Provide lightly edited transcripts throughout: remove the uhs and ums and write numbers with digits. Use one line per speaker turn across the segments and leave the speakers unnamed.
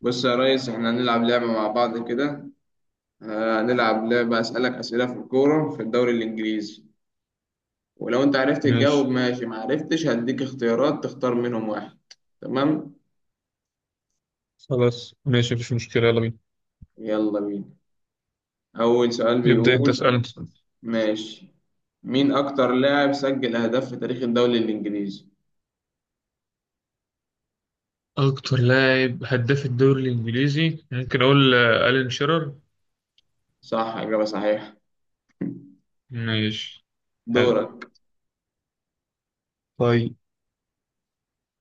بص يا ريس، احنا هنلعب لعبة مع بعض كده. هنلعب لعبة أسألك أسئلة في الكورة في الدوري الإنجليزي. ولو أنت عرفت تجاوب
ماشي.
ماشي، ما عرفتش هديك اختيارات تختار منهم واحد. تمام.
خلاص ماشي، مفيش مشكلة، يلا بينا.
يلا بينا. أول سؤال
ابدأ أنت
بيقول
اسألني.
ماشي. مين أكتر لاعب سجل أهداف في تاريخ الدوري الإنجليزي؟
أكتر لاعب هداف الدوري الإنجليزي ممكن أقول ألين شيرر.
صح، إجابة صحيحة.
ماشي. حلو.
دورك.
طيب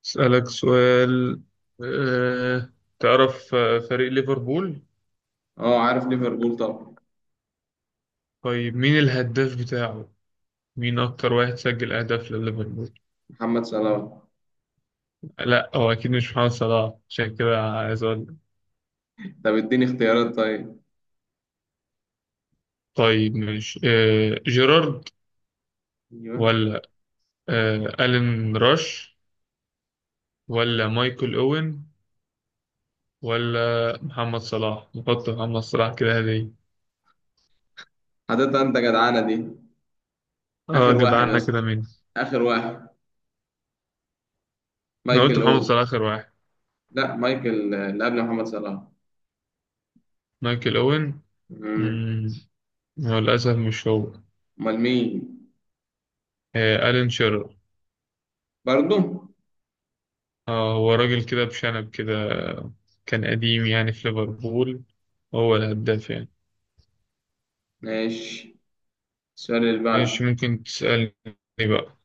أسألك سؤال. أه... تعرف فريق ليفربول؟
أه، عارف ليفربول طبعا.
طيب مين الهداف بتاعه؟ مين أكتر واحد سجل أهداف لليفربول؟
محمد صلاح.
لا، هو أكيد مش محمد صلاح، عشان كده عايز أقول.
طب اديني اختيارات طيب.
طيب ماشي، جيرارد،
ايوه.
ولا ألين راش، ولا مايكل أوين، ولا محمد صلاح. نحط محمد صلاح كده هدية.
حضرتك انت جدعانه دي.
اه،
اخر واحد يا
جدعنا كده.
اسطى،
مين؟
اخر واحد.
انا قلت
مايكل
محمد
أو.
صلاح اخر واحد.
لا، مايكل، اللي قبل محمد صلاح.
مايكل اوين.
مم.
مم، هو للاسف مش هو.
أمال مين؟
آه، الين شيرر.
برضه؟
اه، هو راجل كده بشنب كده، كان قديم يعني في ليفربول، هو الهداف يعني.
ماشي. السؤال اللي
ماشي،
بعده.
ممكن تسألني بقى.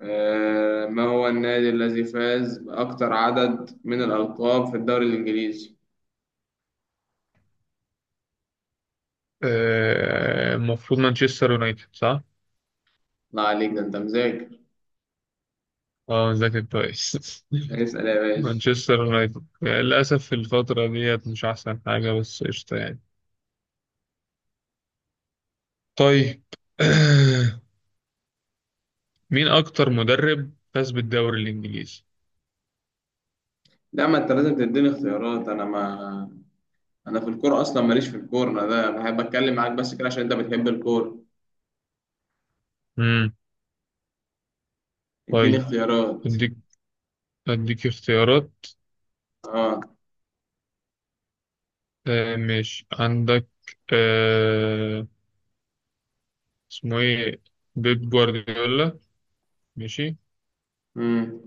ما هو النادي الذي فاز بأكتر عدد من الألقاب في الدوري الإنجليزي؟
آه، المفروض مانشستر يونايتد، صح؟
لا عليك، ده أنت مذاكر.
اه، ذاكر كويس.
اسأل يا باشا.
مانشستر يونايتد للأسف في الفترة ديت مش أحسن حاجة، بس قشطة يعني. طيب. مين أكتر مدرب فاز بالدوري الإنجليزي؟
لا، ما أنت لازم تديني اختيارات. أنا ما أنا في الكورة أصلا، ماليش في الكورة، أنا ده بحب أتكلم معاك بس كده عشان أنت بتحب الكورة.
مم.
اديني
طيب،
اختيارات.
أديك أديك اختيارات.
أه.
آه ماشي، عندك آه اسمه إيه، بيب جوارديولا، ماشي.
مم.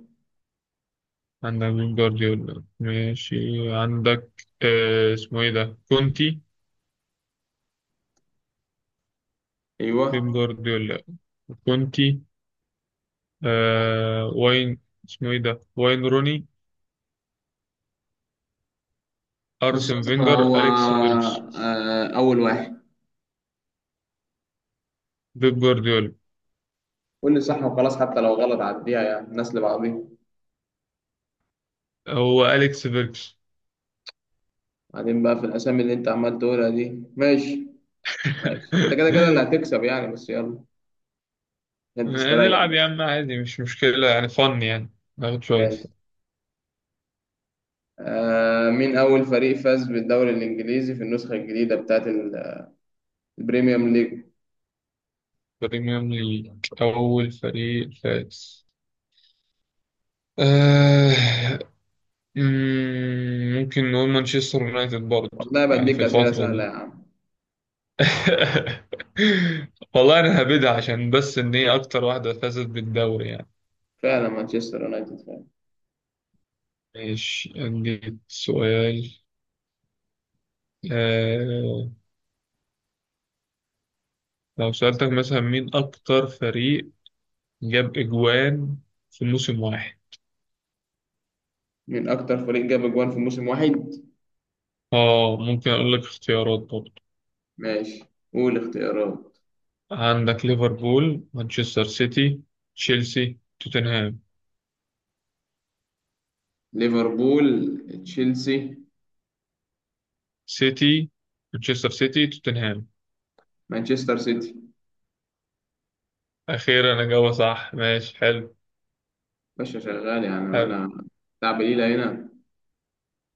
عندك بيب جوارديولا ماشي. عندك اسمه إيه ده، كونتي. بيب
أيوه.
جوارديولا، كونتي، واين اسمه إيه ده، واين روني،
بص يا
أرسن
اسطى،
فينجر،
هو
أليكس فيركس.
اول واحد.
بيب جوارديولا.
قول لي صح وخلاص حتى لو غلط، عديها يعني الناس اللي بعضيها.
هو أليكس فيركس.
بعدين بقى في الاسامي اللي انت عمال تقولها دي ماشي. ماشي، انت كده كده اللي هتكسب يعني، بس يلا. عشان تستريح
نلعب يا
بس.
عم عادي، مش مشكلة يعني، فن يعني. ناخد شوية.
ماشي. مين اول فريق فاز بالدوري الانجليزي في النسخه الجديده بتاعت البريميوم ليج؟
بريميوم ليج. أول فريق فاز، آه، ممكن نقول مانشستر يونايتد برضه
والله
يعني
بديك
في
اسئله
الفترة
سهله يا
دي.
عم.
والله أنا هبدها عشان بس إن هي أكتر واحدة فازت بالدوري يعني.
فعلا مانشستر يونايتد فعلا.
ماشي، أديك سؤال. آه، لو سألتك مثلا مين أكتر فريق جاب إجوان في موسم واحد.
مين اكتر فريق جاب اجوان في موسم واحد؟
اه، ممكن اقول لك اختيارات برضه.
ماشي، قول اختيارات.
عندك ليفربول، مانشستر سيتي، تشيلسي، توتنهام،
ليفربول، تشيلسي.
سيتي، مانشستر سيتي، توتنهام.
مانشستر سيتي.
اخيرا اجابة صح، ماشي حلو.
باشا شغال يعني،
حلو.
وانا بتاع بليلة هنا.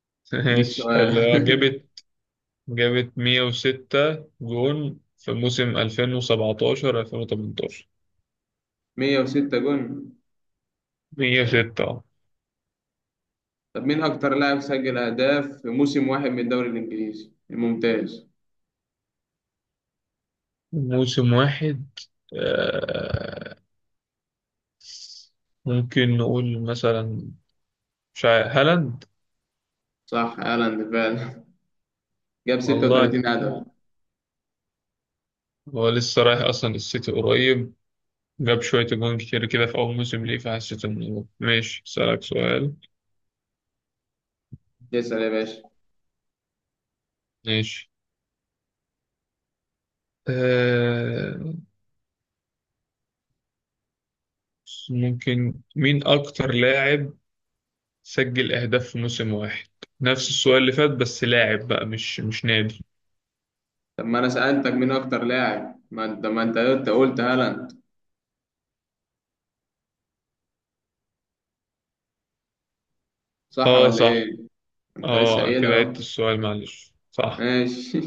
اديك
ماشي
سؤال.
حلو، جابت 106 جون في موسم 2017 2018.
106 جون؟
106.
طب مين اكتر لاعب سجل اهداف في موسم واحد من الدوري الانجليزي الممتاز؟
موسم واحد، آه، ممكن نقول مثلا، مش عارف، هالاند.
صح، هالاند فعلا. جاب
والله،
36 هدف.
هو لسه رايح أصلا السيتي قريب، جاب شوية جون كتير كده في أول موسم ليه، فحسيت إنه ماشي. أسألك سؤال.
اسال يا باشا.
ماشي. آه، ممكن مين أكتر لاعب سجل أهداف في موسم واحد؟ نفس السؤال اللي فات، بس لاعب بقى مش نادي.
طب ما انا سالتك مين اكتر لاعب؟ ما انت قلت هالاند، صح
اه
ولا
صح.
ايه؟ انت لسه
اه
قايلها
كده عدت
اهو.
السؤال، معلش. صح.
ماشي.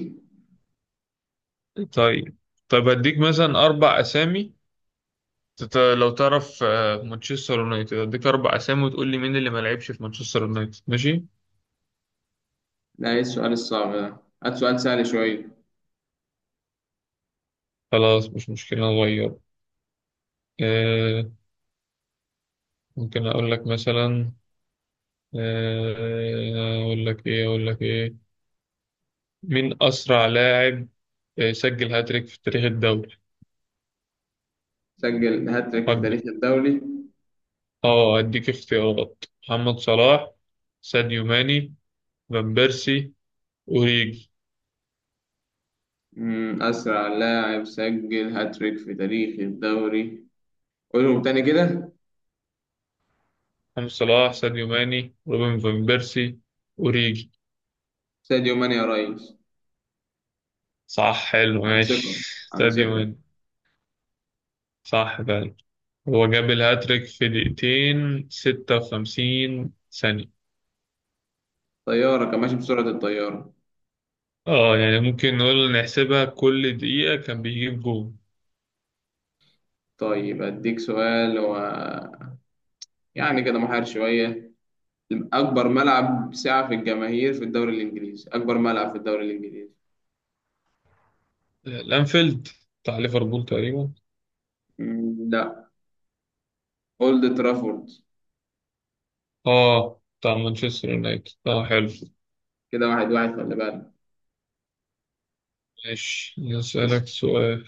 طيب. طيب هديك مثلا أربع أسامي. لو تعرف مانشستر يونايتد، هديك أربع أسامي وتقول لي مين اللي ما لعبش في مانشستر يونايتد، ماشي؟
لا، ايه السؤال الصعب ده؟ هات سؤال سهل شويه.
خلاص، مش مشكلة، نغير. آه، ممكن أقول لك مثلا، أقول لك إيه؟ مين أسرع لاعب سجل هاتريك في تاريخ الدوري؟
سجل هاتريك في
حد.
تاريخ الدوري.
أه أديك اختيارات: محمد صلاح، ساديو ماني، فان بيرسي، أوريجي.
أسرع لاعب سجل هاتريك في تاريخ الدوري؟ قولهم تاني كده.
محمد صلاح، ساديو ماني، روبن فان بيرسي، أوريجي.
ساديو ماني يا ريس.
صح، حلو
عن ثقة،
ماشي.
عن
ساديو
ثقة.
ماني صح فعلا. هو جاب الهاتريك في دقيقتين ستة وخمسين ثانية.
طيارة، كان ماشي بسرعة الطيارة.
اه يعني ممكن نقول نحسبها كل دقيقة كان بيجيب جول.
طيب أديك سؤال يعني كده محير شوية. أكبر ملعب سعة في الجماهير في الدوري الإنجليزي، أكبر ملعب في الدوري الإنجليزي؟
الانفيلد، بتاع ليفربول تقريبا.
مم، لا. أولد ترافورد.
اه بتاع مانشستر يونايتد، اه حلو.
كده واحد واحد، خلي بالك.
ماشي،
اسم.
اسألك سؤال.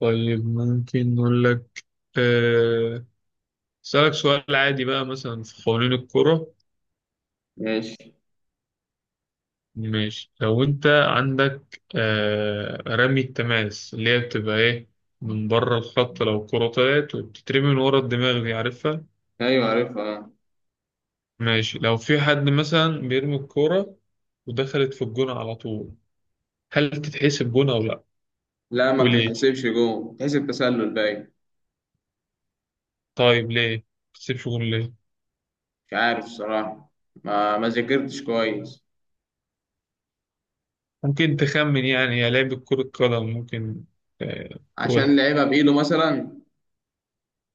طيب ممكن نقول لك، آه، اسألك سؤال عادي بقى مثلا في قوانين الكرة.
ماشي.
ماشي، لو انت عندك رمي التماس، اللي هي بتبقى ايه، من بره الخط لو الكرة طلعت وبتترمي من ورا الدماغ، دي عارفها؟
أيوة عارفها.
ماشي، لو في حد مثلا بيرمي الكورة ودخلت في الجون على طول، هل تتحسب جون أو لأ؟
لا، ما
وليه؟
بتتحسبش جون، بتتحسب تسلل باين.
طيب ليه ما تتحسبش جون ليه؟
مش عارف الصراحة. ما ذاكرتش كويس.
ممكن تخمن يعني، يا لعيبة كرة قدم، ممكن
عشان
تقول.
لعبها بإيده مثلا.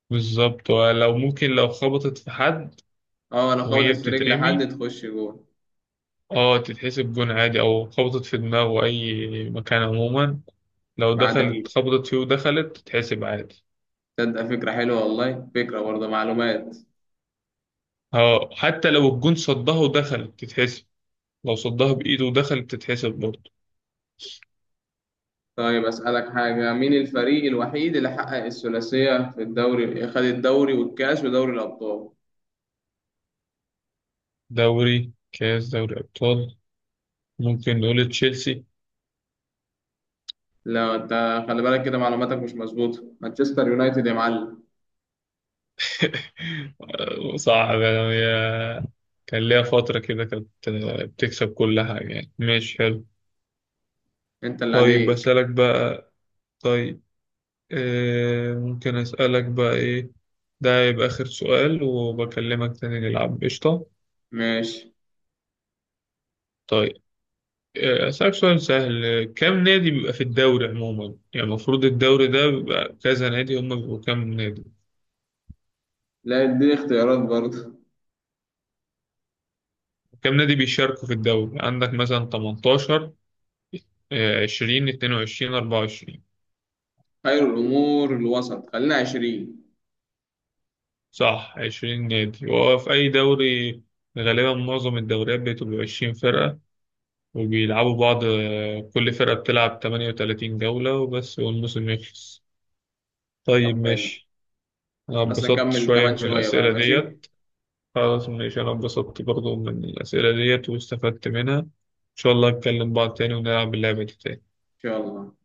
بالظبط، لو ممكن لو خبطت في حد
اه، لو
وهي
خبطت في رجل
بتترمي،
حد تخش جول.
اه تتحسب جون عادي، أو خبطت في دماغه، أي مكان عموما لو
ما عدا
دخلت
إيده.
خبطت فيه ودخلت تتحسب عادي.
تصدق، فكرة حلوة والله، فكرة برضه، معلومات.
اه حتى لو الجون صدها ودخلت تتحسب، لو صدها بإيده ودخلت تتحسب برضه.
طيب أسألك حاجة. مين الفريق الوحيد اللي حقق الثلاثية في الدوري، خد الدوري والكاس ودوري الأبطال؟
دوري، كاس، دوري ابطال. ممكن نقول تشيلسي.
لا، أنت خلي بالك كده، معلوماتك مش مظبوطة، مانشستر يونايتد يا معلم.
صعب يعني. هي كان ليها فترة كده كانت بتكسب كل حاجة يعني، ماشي حلو.
أنت اللي
طيب
عليك.
أسألك بقى. طيب، آه ممكن أسألك بقى إيه؟ ده يبقى آخر سؤال، وبكلمك تاني نلعب قشطة.
ماشي.
طيب، أسألك سؤال سهل. كم نادي بيبقى في الدوري عموما يعني؟ المفروض الدوري ده بيبقى كذا نادي، هما بيبقوا كام نادي؟
لا، دي اختيارات برضه.
كم نادي بيشاركوا في الدوري؟ عندك مثلا 18، 20، 22، 24.
خير الأمور الوسط، خلينا 20.
صح 20 نادي، وهو في أي دوري غالبا معظم الدوريات بتبقى 20 فرقة وبيلعبوا بعض، كل فرقة بتلعب 38 جولة وبس، والموسم يخلص.
طب
طيب
حلو.
ماشي. أنا
بس
اتبسطت
نكمل
شوية
كمان
من
شوية بقى
الأسئلة
ماشي، إن
ديت. خلاص ماشي، أنا اتبسطت برضو من الأسئلة ديت، واستفدت منها. إن شاء الله نتكلم بعض تاني ونلعب اللعبة دي تاني
شاء الله.